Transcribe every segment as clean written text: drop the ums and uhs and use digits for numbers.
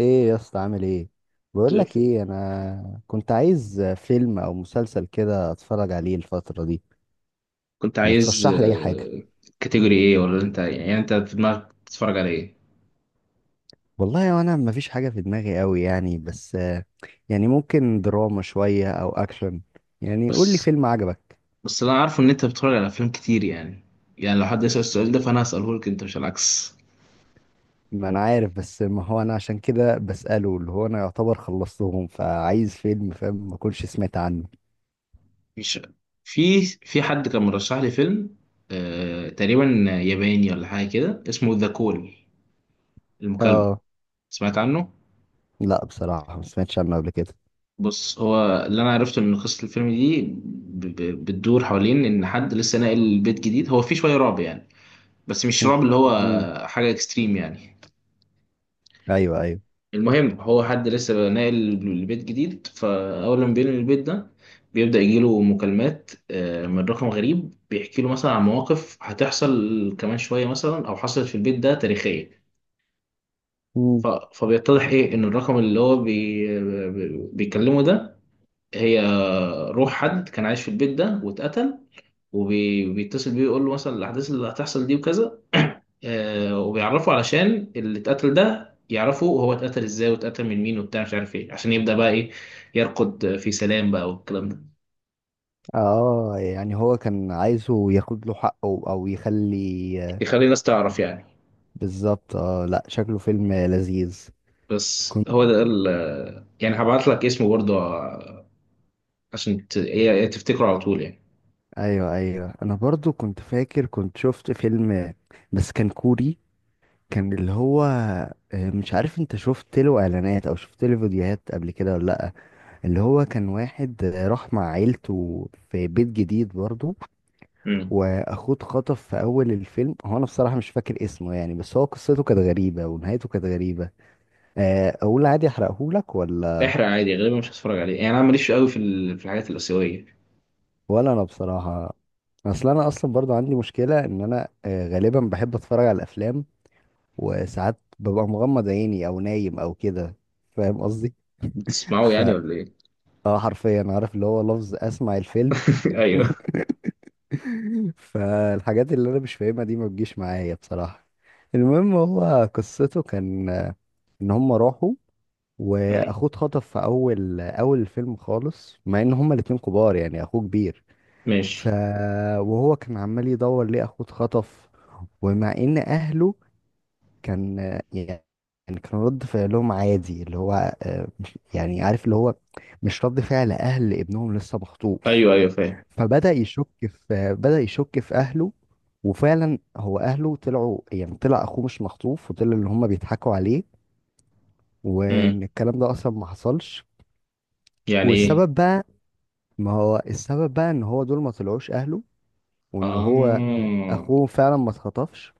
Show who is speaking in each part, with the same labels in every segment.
Speaker 1: ايه يا اسطى، عامل ايه؟
Speaker 2: زي
Speaker 1: بقول لك
Speaker 2: الفل.
Speaker 1: ايه، انا كنت عايز فيلم او مسلسل كده اتفرج عليه الفتره دي.
Speaker 2: كنت
Speaker 1: ما
Speaker 2: عايز
Speaker 1: ترشح لي اي حاجه؟
Speaker 2: كاتيجوري ايه؟ ولا انت يعني انت في دماغك بتتفرج على ايه؟
Speaker 1: والله وانا ما فيش حاجه في دماغي قوي يعني، بس يعني ممكن دراما شويه او اكشن. يعني قول لي
Speaker 2: بس
Speaker 1: فيلم عجبك.
Speaker 2: بس انا عارف ان انت بتتفرج على افلام كتير يعني. يعني لو حد يسأل السؤال ده فانا هسأله لك انت مش العكس.
Speaker 1: ما انا عارف، بس ما هو انا عشان كده بساله، اللي هو انا يعتبر خلصتهم فعايز فيلم، فاهم؟ ما كنتش سمعت عنه.
Speaker 2: مش في حد كان مرشح لي فيلم، آه تقريبا، ياباني ولا حاجه كده، اسمه ذا كول، المكالمه.
Speaker 1: اه،
Speaker 2: سمعت عنه؟
Speaker 1: لا بصراحه ما سمعتش عنه قبل كده.
Speaker 2: بص، هو اللي انا عرفته ان قصه الفيلم دي بتدور حوالين ان حد لسه ناقل بيت جديد، هو فيه شويه رعب يعني، بس مش
Speaker 1: م-
Speaker 2: رعب اللي هو
Speaker 1: م-
Speaker 2: حاجه اكستريم يعني.
Speaker 1: ايوه ايوه.
Speaker 2: المهم هو حد لسه ناقل البيت جديد، فأول ما بينقل البيت ده بيبدأ يجيله مكالمات من رقم غريب بيحكي له مثلا عن مواقف هتحصل كمان شوية مثلا أو حصلت في البيت ده تاريخية. ف- فبيتضح إيه إن الرقم اللي هو بيكلمه ده، هي روح حد كان عايش في البيت ده واتقتل، وبيتصل بيه يقول له مثلا الأحداث اللي هتحصل دي وكذا. وبيعرفوا علشان اللي اتقتل ده يعرفوا هو اتقتل ازاي واتقتل من مين وبتاع مش عارف ايه، عشان يبدأ بقى ايه يرقد في سلام بقى والكلام ده.
Speaker 1: اه، يعني هو كان عايزه ياخد له حقه او يخلي.
Speaker 2: يخلي الناس تعرف يعني.
Speaker 1: بالظبط، اه لا، شكله فيلم لذيذ.
Speaker 2: بس
Speaker 1: كنت
Speaker 2: هو ده ال يعني هبعت لك اسمه برضه عشان تفتكره على طول يعني.
Speaker 1: ايوه ايوه، انا برضو كنت فاكر، كنت شفت فيلم، بس كان كوري، كان اللي هو مش عارف، انت شفت له اعلانات او شفت له فيديوهات قبل كده ولا لا؟ اللي هو كان واحد راح مع عيلته في بيت جديد برضو،
Speaker 2: امم.
Speaker 1: واخوه اتخطف في اول الفيلم. هو انا بصراحة مش فاكر اسمه يعني، بس هو قصته كانت غريبة ونهايته كانت غريبة. اقول عادي احرقهولك ولا؟
Speaker 2: احرق عادي، غالبا مش هتفرج عليه يعني، انا ماليش قوي في الحاجات الآسيوية.
Speaker 1: ولا انا بصراحه. اصل انا اصلا برضو عندي مشكله، ان انا غالبا بحب اتفرج على الافلام، وساعات ببقى مغمض عيني او نايم او كده، فاهم قصدي؟
Speaker 2: بتسمعه
Speaker 1: ف
Speaker 2: يعني ولا ايه؟
Speaker 1: اه، حرفيا عارف اللي هو لفظ، اسمع الفيلم.
Speaker 2: ايوه.
Speaker 1: فالحاجات اللي انا مش فاهمها دي ما بتجيش معايا بصراحه. المهم، هو قصته كان ان هم راحوا،
Speaker 2: مم.
Speaker 1: واخوه اتخطف في اول اول الفيلم خالص، مع ان هما الاتنين كبار يعني، اخوه كبير. ف
Speaker 2: ماشي.
Speaker 1: وهو كان عمال يدور ليه اخوه اتخطف. ومع ان اهله، كان يعني، كان رد فعلهم عادي، اللي هو يعني عارف اللي هو، مش رد فعل اهل ابنهم لسه مخطوف.
Speaker 2: ايوه، ايوه، فاهم.
Speaker 1: فبدأ يشك في اهله. وفعلا هو اهله طلعوا، يعني طلع اخوه مش مخطوف، وطلع اللي هم بيضحكوا عليه،
Speaker 2: امم.
Speaker 1: وان الكلام ده اصلا ما حصلش.
Speaker 2: يعني ايه؟
Speaker 1: والسبب بقى، ما هو السبب بقى ان هو دول ما طلعوش اهله، وان هو
Speaker 2: اه.
Speaker 1: اخوه فعلا ما اتخطفش.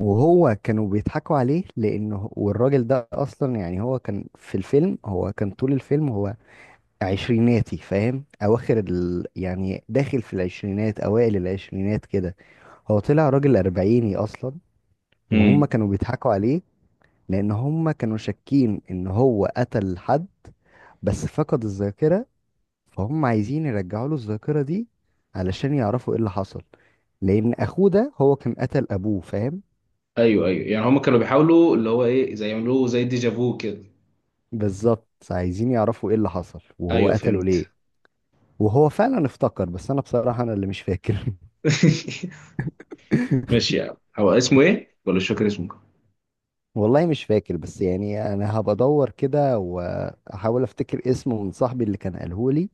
Speaker 1: وهو كانوا بيضحكوا عليه لانه، والراجل ده اصلا يعني، هو كان في الفيلم، هو كان طول الفيلم هو عشريناتي، فاهم، اواخر يعني، داخل في العشرينات، اوائل العشرينات كده، هو طلع راجل اربعيني اصلا.
Speaker 2: امم.
Speaker 1: وهم كانوا بيضحكوا عليه، لان هم كانوا شاكين ان هو قتل حد بس فقد الذاكرة، فهم عايزين يرجعوا له الذاكرة دي علشان يعرفوا ايه اللي حصل، لان اخوه ده هو كان قتل ابوه، فاهم؟
Speaker 2: ايوه، ايوه، يعني هما كانوا بيحاولوا اللي هو ايه، زي يعملوه زي ديجافو كده.
Speaker 1: بالظبط، عايزين يعرفوا ايه اللي حصل وهو
Speaker 2: ايوه،
Speaker 1: قتله
Speaker 2: فهمت.
Speaker 1: ليه. وهو فعلا افتكر، بس انا بصراحة انا اللي مش فاكر.
Speaker 2: ماشي يا عم، هو اسمه ايه ولا مش فاكر اسمه؟
Speaker 1: والله مش فاكر، بس يعني انا هبقى ادور كده واحاول افتكر اسمه من صاحبي اللي كان قاله لي،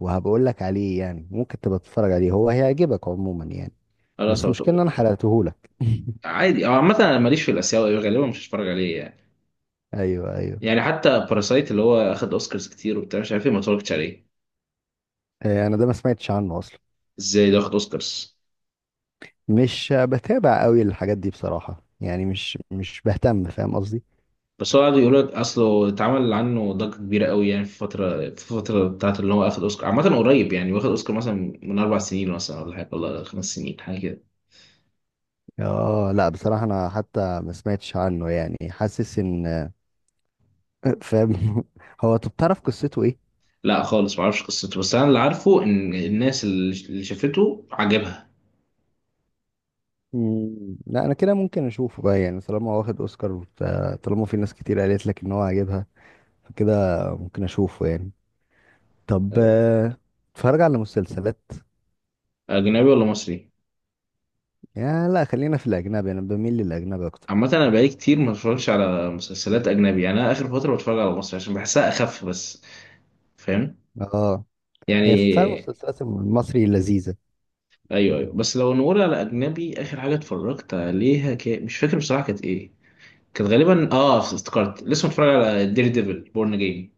Speaker 1: وهبقول لك عليه يعني، ممكن تبقى تتفرج عليه، هو هيعجبك عموما يعني.
Speaker 2: خلاص.
Speaker 1: بس مشكلة ان انا حرقته لك.
Speaker 2: عادي، هو عامة انا ماليش في الاسيوي، غالبا مش هتفرج عليه يعني.
Speaker 1: ايوه ايوه.
Speaker 2: يعني حتى باراسايت اللي هو اخد اوسكارز كتير وبتاع مش عارف ايه، ما اتفرجتش عليه.
Speaker 1: انا ده ما سمعتش عنه اصلا،
Speaker 2: ازاي ده اخد اوسكارز؟
Speaker 1: مش بتابع قوي الحاجات دي بصراحة، يعني مش بهتم، فاهم قصدي؟
Speaker 2: بس هو قعدوا يقولوا لك اصله اتعمل عنه ضجة كبيرة قوي يعني، في فترة بتاعت اللي هو اخد اوسكار، عامة قريب يعني، واخد اوسكار مثلا من 4 سنين مثلا ولا حاجة، ولا 5 سنين حاجة كده.
Speaker 1: اه لا بصراحة انا حتى ما سمعتش عنه يعني، حاسس ان. فاهم. هو طب تعرف قصته ايه؟
Speaker 2: لا خالص، معرفش قصته، بس انا اللي عارفه ان الناس اللي شافته عجبها.
Speaker 1: مم، لا، انا كده ممكن اشوفه بقى يعني، طالما هو واخد اوسكار، طالما في ناس كتير قالت لك ان هو عاجبها، فكده ممكن اشوفه يعني. طب
Speaker 2: ايوه.
Speaker 1: اتفرج على مسلسلات؟
Speaker 2: اجنبي ولا مصري؟
Speaker 1: يا لا، خلينا في الاجنبي، انا بميل للاجنبي اكتر.
Speaker 2: عامة انا بقالي كتير ما بتفرجش على مسلسلات اجنبي يعني، انا اخر فترة بتفرج على مصري عشان بحسها اخف بس. فاهم
Speaker 1: اه، هي فعلا
Speaker 2: يعني.
Speaker 1: المسلسلات المصري لذيذة.
Speaker 2: ايوه، ايوه، بس لو نقول على اجنبي، اخر حاجة اتفرجت عليها مش فاكر بصراحة كانت ايه. كانت غالبا اه افتكرت، لسه متفرج على دير ديفل بورن جيم.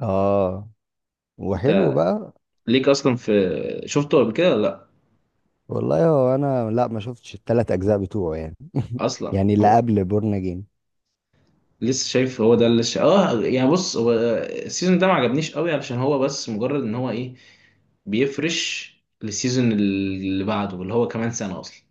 Speaker 1: اه، وحلو
Speaker 2: انت
Speaker 1: بقى.
Speaker 2: ليك اصلا في، شفته قبل كده ولا لا؟
Speaker 1: والله هو انا، لا ما شفتش الثلاث اجزاء بتوعه يعني
Speaker 2: اصلا
Speaker 1: يعني اللي
Speaker 2: هو
Speaker 1: قبل بورن اجين.
Speaker 2: لسه شايف. هو ده اللي اه، يعني بص، هو السيزون ده ما عجبنيش قوي علشان هو بس مجرد ان هو ايه، بيفرش للسيزون اللي بعده اللي هو كمان سنة اصلا.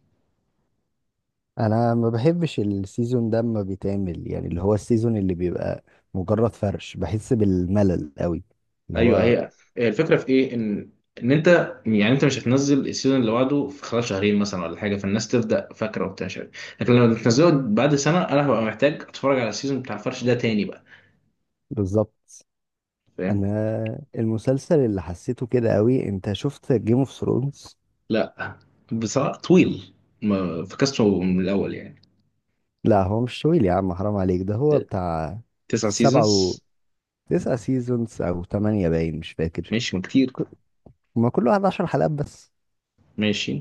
Speaker 1: انا ما بحبش السيزون ده ما بيتعمل، يعني اللي هو السيزون اللي بيبقى مجرد فرش، بحس بالملل قوي، اللي
Speaker 2: ايوه،
Speaker 1: هو.
Speaker 2: هي الفكرة في ايه، ان انت يعني انت مش هتنزل السيزون اللي بعده في خلال شهرين مثلا ولا حاجة، فالناس تبدأ فاكرة وبتاع مش عارف. لكن لما تنزله بعد سنة انا هبقى محتاج اتفرج على السيزون بتاع الفرش ده تاني بقى.
Speaker 1: بالظبط.
Speaker 2: فاهم.
Speaker 1: انا المسلسل اللي حسيته كده قوي، انت شفت جيم اوف ثرونز؟
Speaker 2: لا، بصراحة طويل، ما فكسته من الاول يعني.
Speaker 1: لا هو مش طويل يا عم، حرام عليك، ده هو بتاع
Speaker 2: تسع
Speaker 1: سبعة و
Speaker 2: سيزونز؟
Speaker 1: تسعة سيزونز او تمانية، باين مش فاكر.
Speaker 2: ماشي ما كتير.
Speaker 1: ك- ما كل واحد عشر حلقات بس.
Speaker 2: ماشي.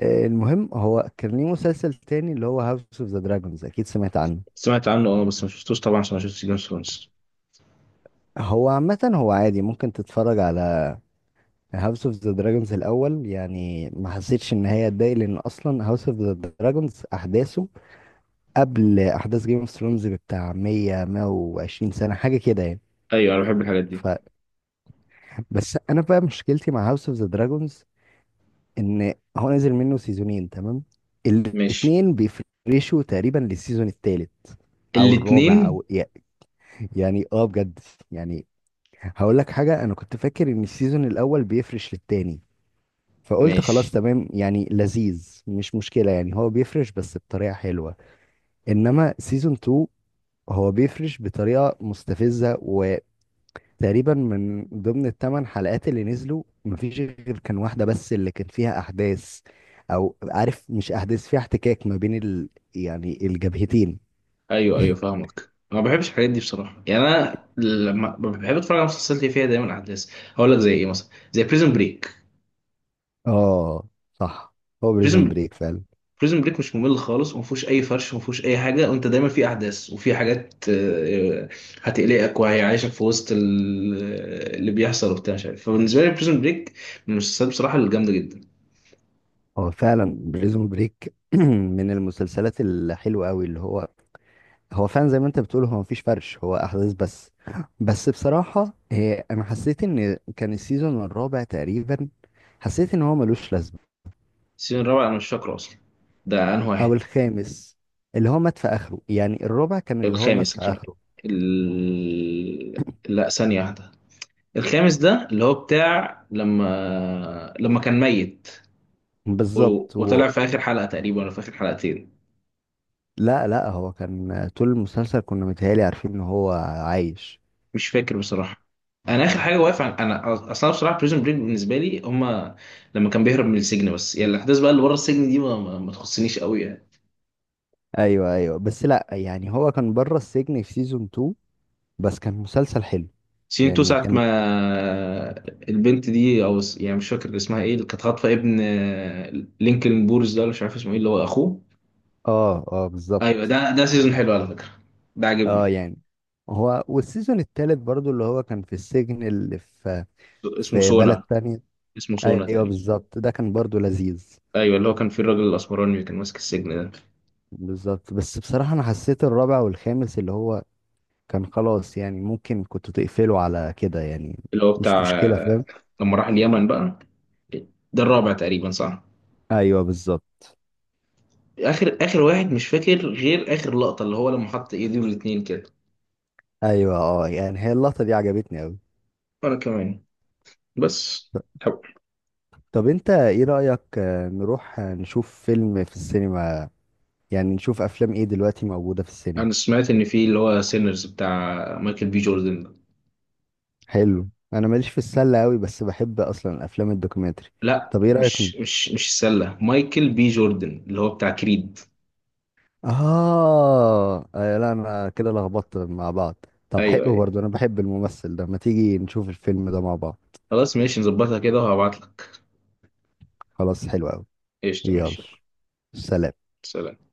Speaker 1: المهم هو كان ليه مسلسل تاني، اللي هو هاوس اوف ذا دراجونز، اكيد سمعت عنه.
Speaker 2: سمعت عنه اه، بس ما شفتوش طبعا عشان ما شفتش جيم اوف ثرونز.
Speaker 1: هو عامة هو عادي، ممكن تتفرج على هاوس اوف ذا دراجونز الاول يعني، ما حسيتش ان هي اتضايق، لان اصلا هاوس اوف ذا دراجونز احداثه قبل احداث جيم اوف ثرونز بتاع 100 120 سنة حاجة كده يعني.
Speaker 2: ايوه، انا بحب الحاجات دي.
Speaker 1: ف بس انا بقى مشكلتي مع هاوس اوف ذا دراجونز، ان هو نزل منه سيزونين تمام،
Speaker 2: ماشي.
Speaker 1: الاتنين بيفرشوا تقريبا للسيزون التالت او الرابع
Speaker 2: الاتنين.
Speaker 1: او، يعني اه بجد، يعني هقول لك حاجة، انا كنت فاكر ان السيزون الاول بيفرش للتاني، فقلت خلاص
Speaker 2: ماشي.
Speaker 1: تمام يعني لذيذ، مش مشكلة يعني، هو بيفرش بس بطريقة حلوة. انما سيزون 2 هو بيفرش بطريقة مستفزة، وتقريبا من ضمن الثمان حلقات اللي نزلوا مفيش غير كان واحدة بس اللي كان فيها احداث، او عارف مش احداث، فيها احتكاك ما بين يعني الجبهتين.
Speaker 2: ايوه، ايوه، فاهمك، انا ما بحبش الحاجات دي بصراحه يعني، انا لما بحب اتفرج على مسلسلات اللي فيها دايما احداث، هقول لك زي ايه مثلا، زي بريزن بريك.
Speaker 1: اه صح، هو بريزون
Speaker 2: بريزن
Speaker 1: بريك فعلا.
Speaker 2: بريزن بريك مش ممل خالص، وما فيهوش اي فرش وما فيهوش اي حاجه، وانت دايما في احداث وفي حاجات هتقلقك وهيعيشك في وسط اللي بيحصل وبتاع مش عارف، فبالنسبه لي بريزن بريك من المسلسلات بصراحه الجامده جدا.
Speaker 1: هو فعلا بريزون بريك من المسلسلات الحلوة قوي، اللي هو، هو فعلا زي ما انت بتقول، هو مفيش فرش، هو احداث بس. بس بصراحة انا حسيت ان كان السيزون الرابع تقريبا، حسيت ان هو ملوش لازمة.
Speaker 2: السيزون الرابع انا مش فاكره اصلا، ده انه
Speaker 1: او
Speaker 2: واحد.
Speaker 1: الخامس، اللي هو مات في اخره، يعني الرابع كان اللي هو مات
Speaker 2: الخامس،
Speaker 1: في
Speaker 2: الخامس.
Speaker 1: اخره.
Speaker 2: لا ثانية واحدة، الخامس ده اللي هو بتاع لما كان ميت. و...
Speaker 1: بالظبط.
Speaker 2: وطلع في آخر حلقة تقريبا ولا في آخر حلقتين.
Speaker 1: لا لا، هو كان طول المسلسل كنا متهيألي عارفين ان هو عايش.
Speaker 2: مش فاكر بصراحة. أنا آخر حاجة واقف أنا أصلا بصراحة بريزون بريك بالنسبة لي، هما لما كان بيهرب من السجن بس يعني، الأحداث بقى اللي بره السجن دي ما تخصنيش قوي يعني.
Speaker 1: ايوه ايوه، بس لا يعني، هو كان بره السجن في سيزون 2، بس كان مسلسل حلو،
Speaker 2: سين تو
Speaker 1: يعني
Speaker 2: ساعة ما،
Speaker 1: كان.
Speaker 2: البنت دي يعني مش فاكر اسمها إيه، اللي كانت خاطفة ابن لينكولن بورز ده، ولا مش عارف اسمه إيه اللي هو أخوه.
Speaker 1: اه اه
Speaker 2: أيوه،
Speaker 1: بالظبط.
Speaker 2: ده سيزون حلو على فكرة، ده
Speaker 1: اه
Speaker 2: عجبني.
Speaker 1: يعني هو، والسيزون التالت برضو اللي هو كان في السجن، اللي في
Speaker 2: اسمه
Speaker 1: في بلد
Speaker 2: سونا،
Speaker 1: تانية.
Speaker 2: اسمه سونا
Speaker 1: ايوه
Speaker 2: تقريبا.
Speaker 1: بالظبط، ده كان برضو لذيذ.
Speaker 2: أيوه، اللي هو كان فيه الراجل الأسمراني اللي كان ماسك السجن ده.
Speaker 1: بالظبط، بس بصراحة انا حسيت الرابع والخامس اللي هو كان خلاص، يعني ممكن كنت تقفله على كده يعني،
Speaker 2: اللي هو
Speaker 1: مش
Speaker 2: بتاع
Speaker 1: مشكلة فاهم؟
Speaker 2: لما راح اليمن بقى، ده الرابع تقريبا صح؟
Speaker 1: ايوه بالظبط.
Speaker 2: آخر، آخر واحد مش فاكر غير آخر لقطة اللي هو لما حط إيديه الاتنين كده.
Speaker 1: ايوه اه يعني، هي اللقطة دي عجبتني اوي.
Speaker 2: وأنا كمان. بس.
Speaker 1: طب انت ايه رأيك نروح نشوف فيلم في السينما؟ يعني نشوف افلام ايه دلوقتي موجودة في السينما.
Speaker 2: انا سمعت ان في اللي هو سينرز بتاع مايكل بي جوردن ده.
Speaker 1: حلو، انا ماليش في السله قوي، بس بحب اصلا الافلام الدوكيومنتري.
Speaker 2: لا،
Speaker 1: طب ايه رايك،
Speaker 2: مش السله، مايكل بي جوردن اللي هو بتاع كريد.
Speaker 1: اه، لا انا كده لخبطت مع بعض. طب
Speaker 2: ايوه،
Speaker 1: حلو
Speaker 2: ايوه.
Speaker 1: برضو، انا بحب الممثل ده، ما تيجي نشوف الفيلم ده مع بعض.
Speaker 2: خلاص ماشي، نظبطها كده وهبعت لك.
Speaker 1: خلاص حلو قوي.
Speaker 2: قشطه،
Speaker 1: يلا،
Speaker 2: ماشي.
Speaker 1: سلام.
Speaker 2: سلام.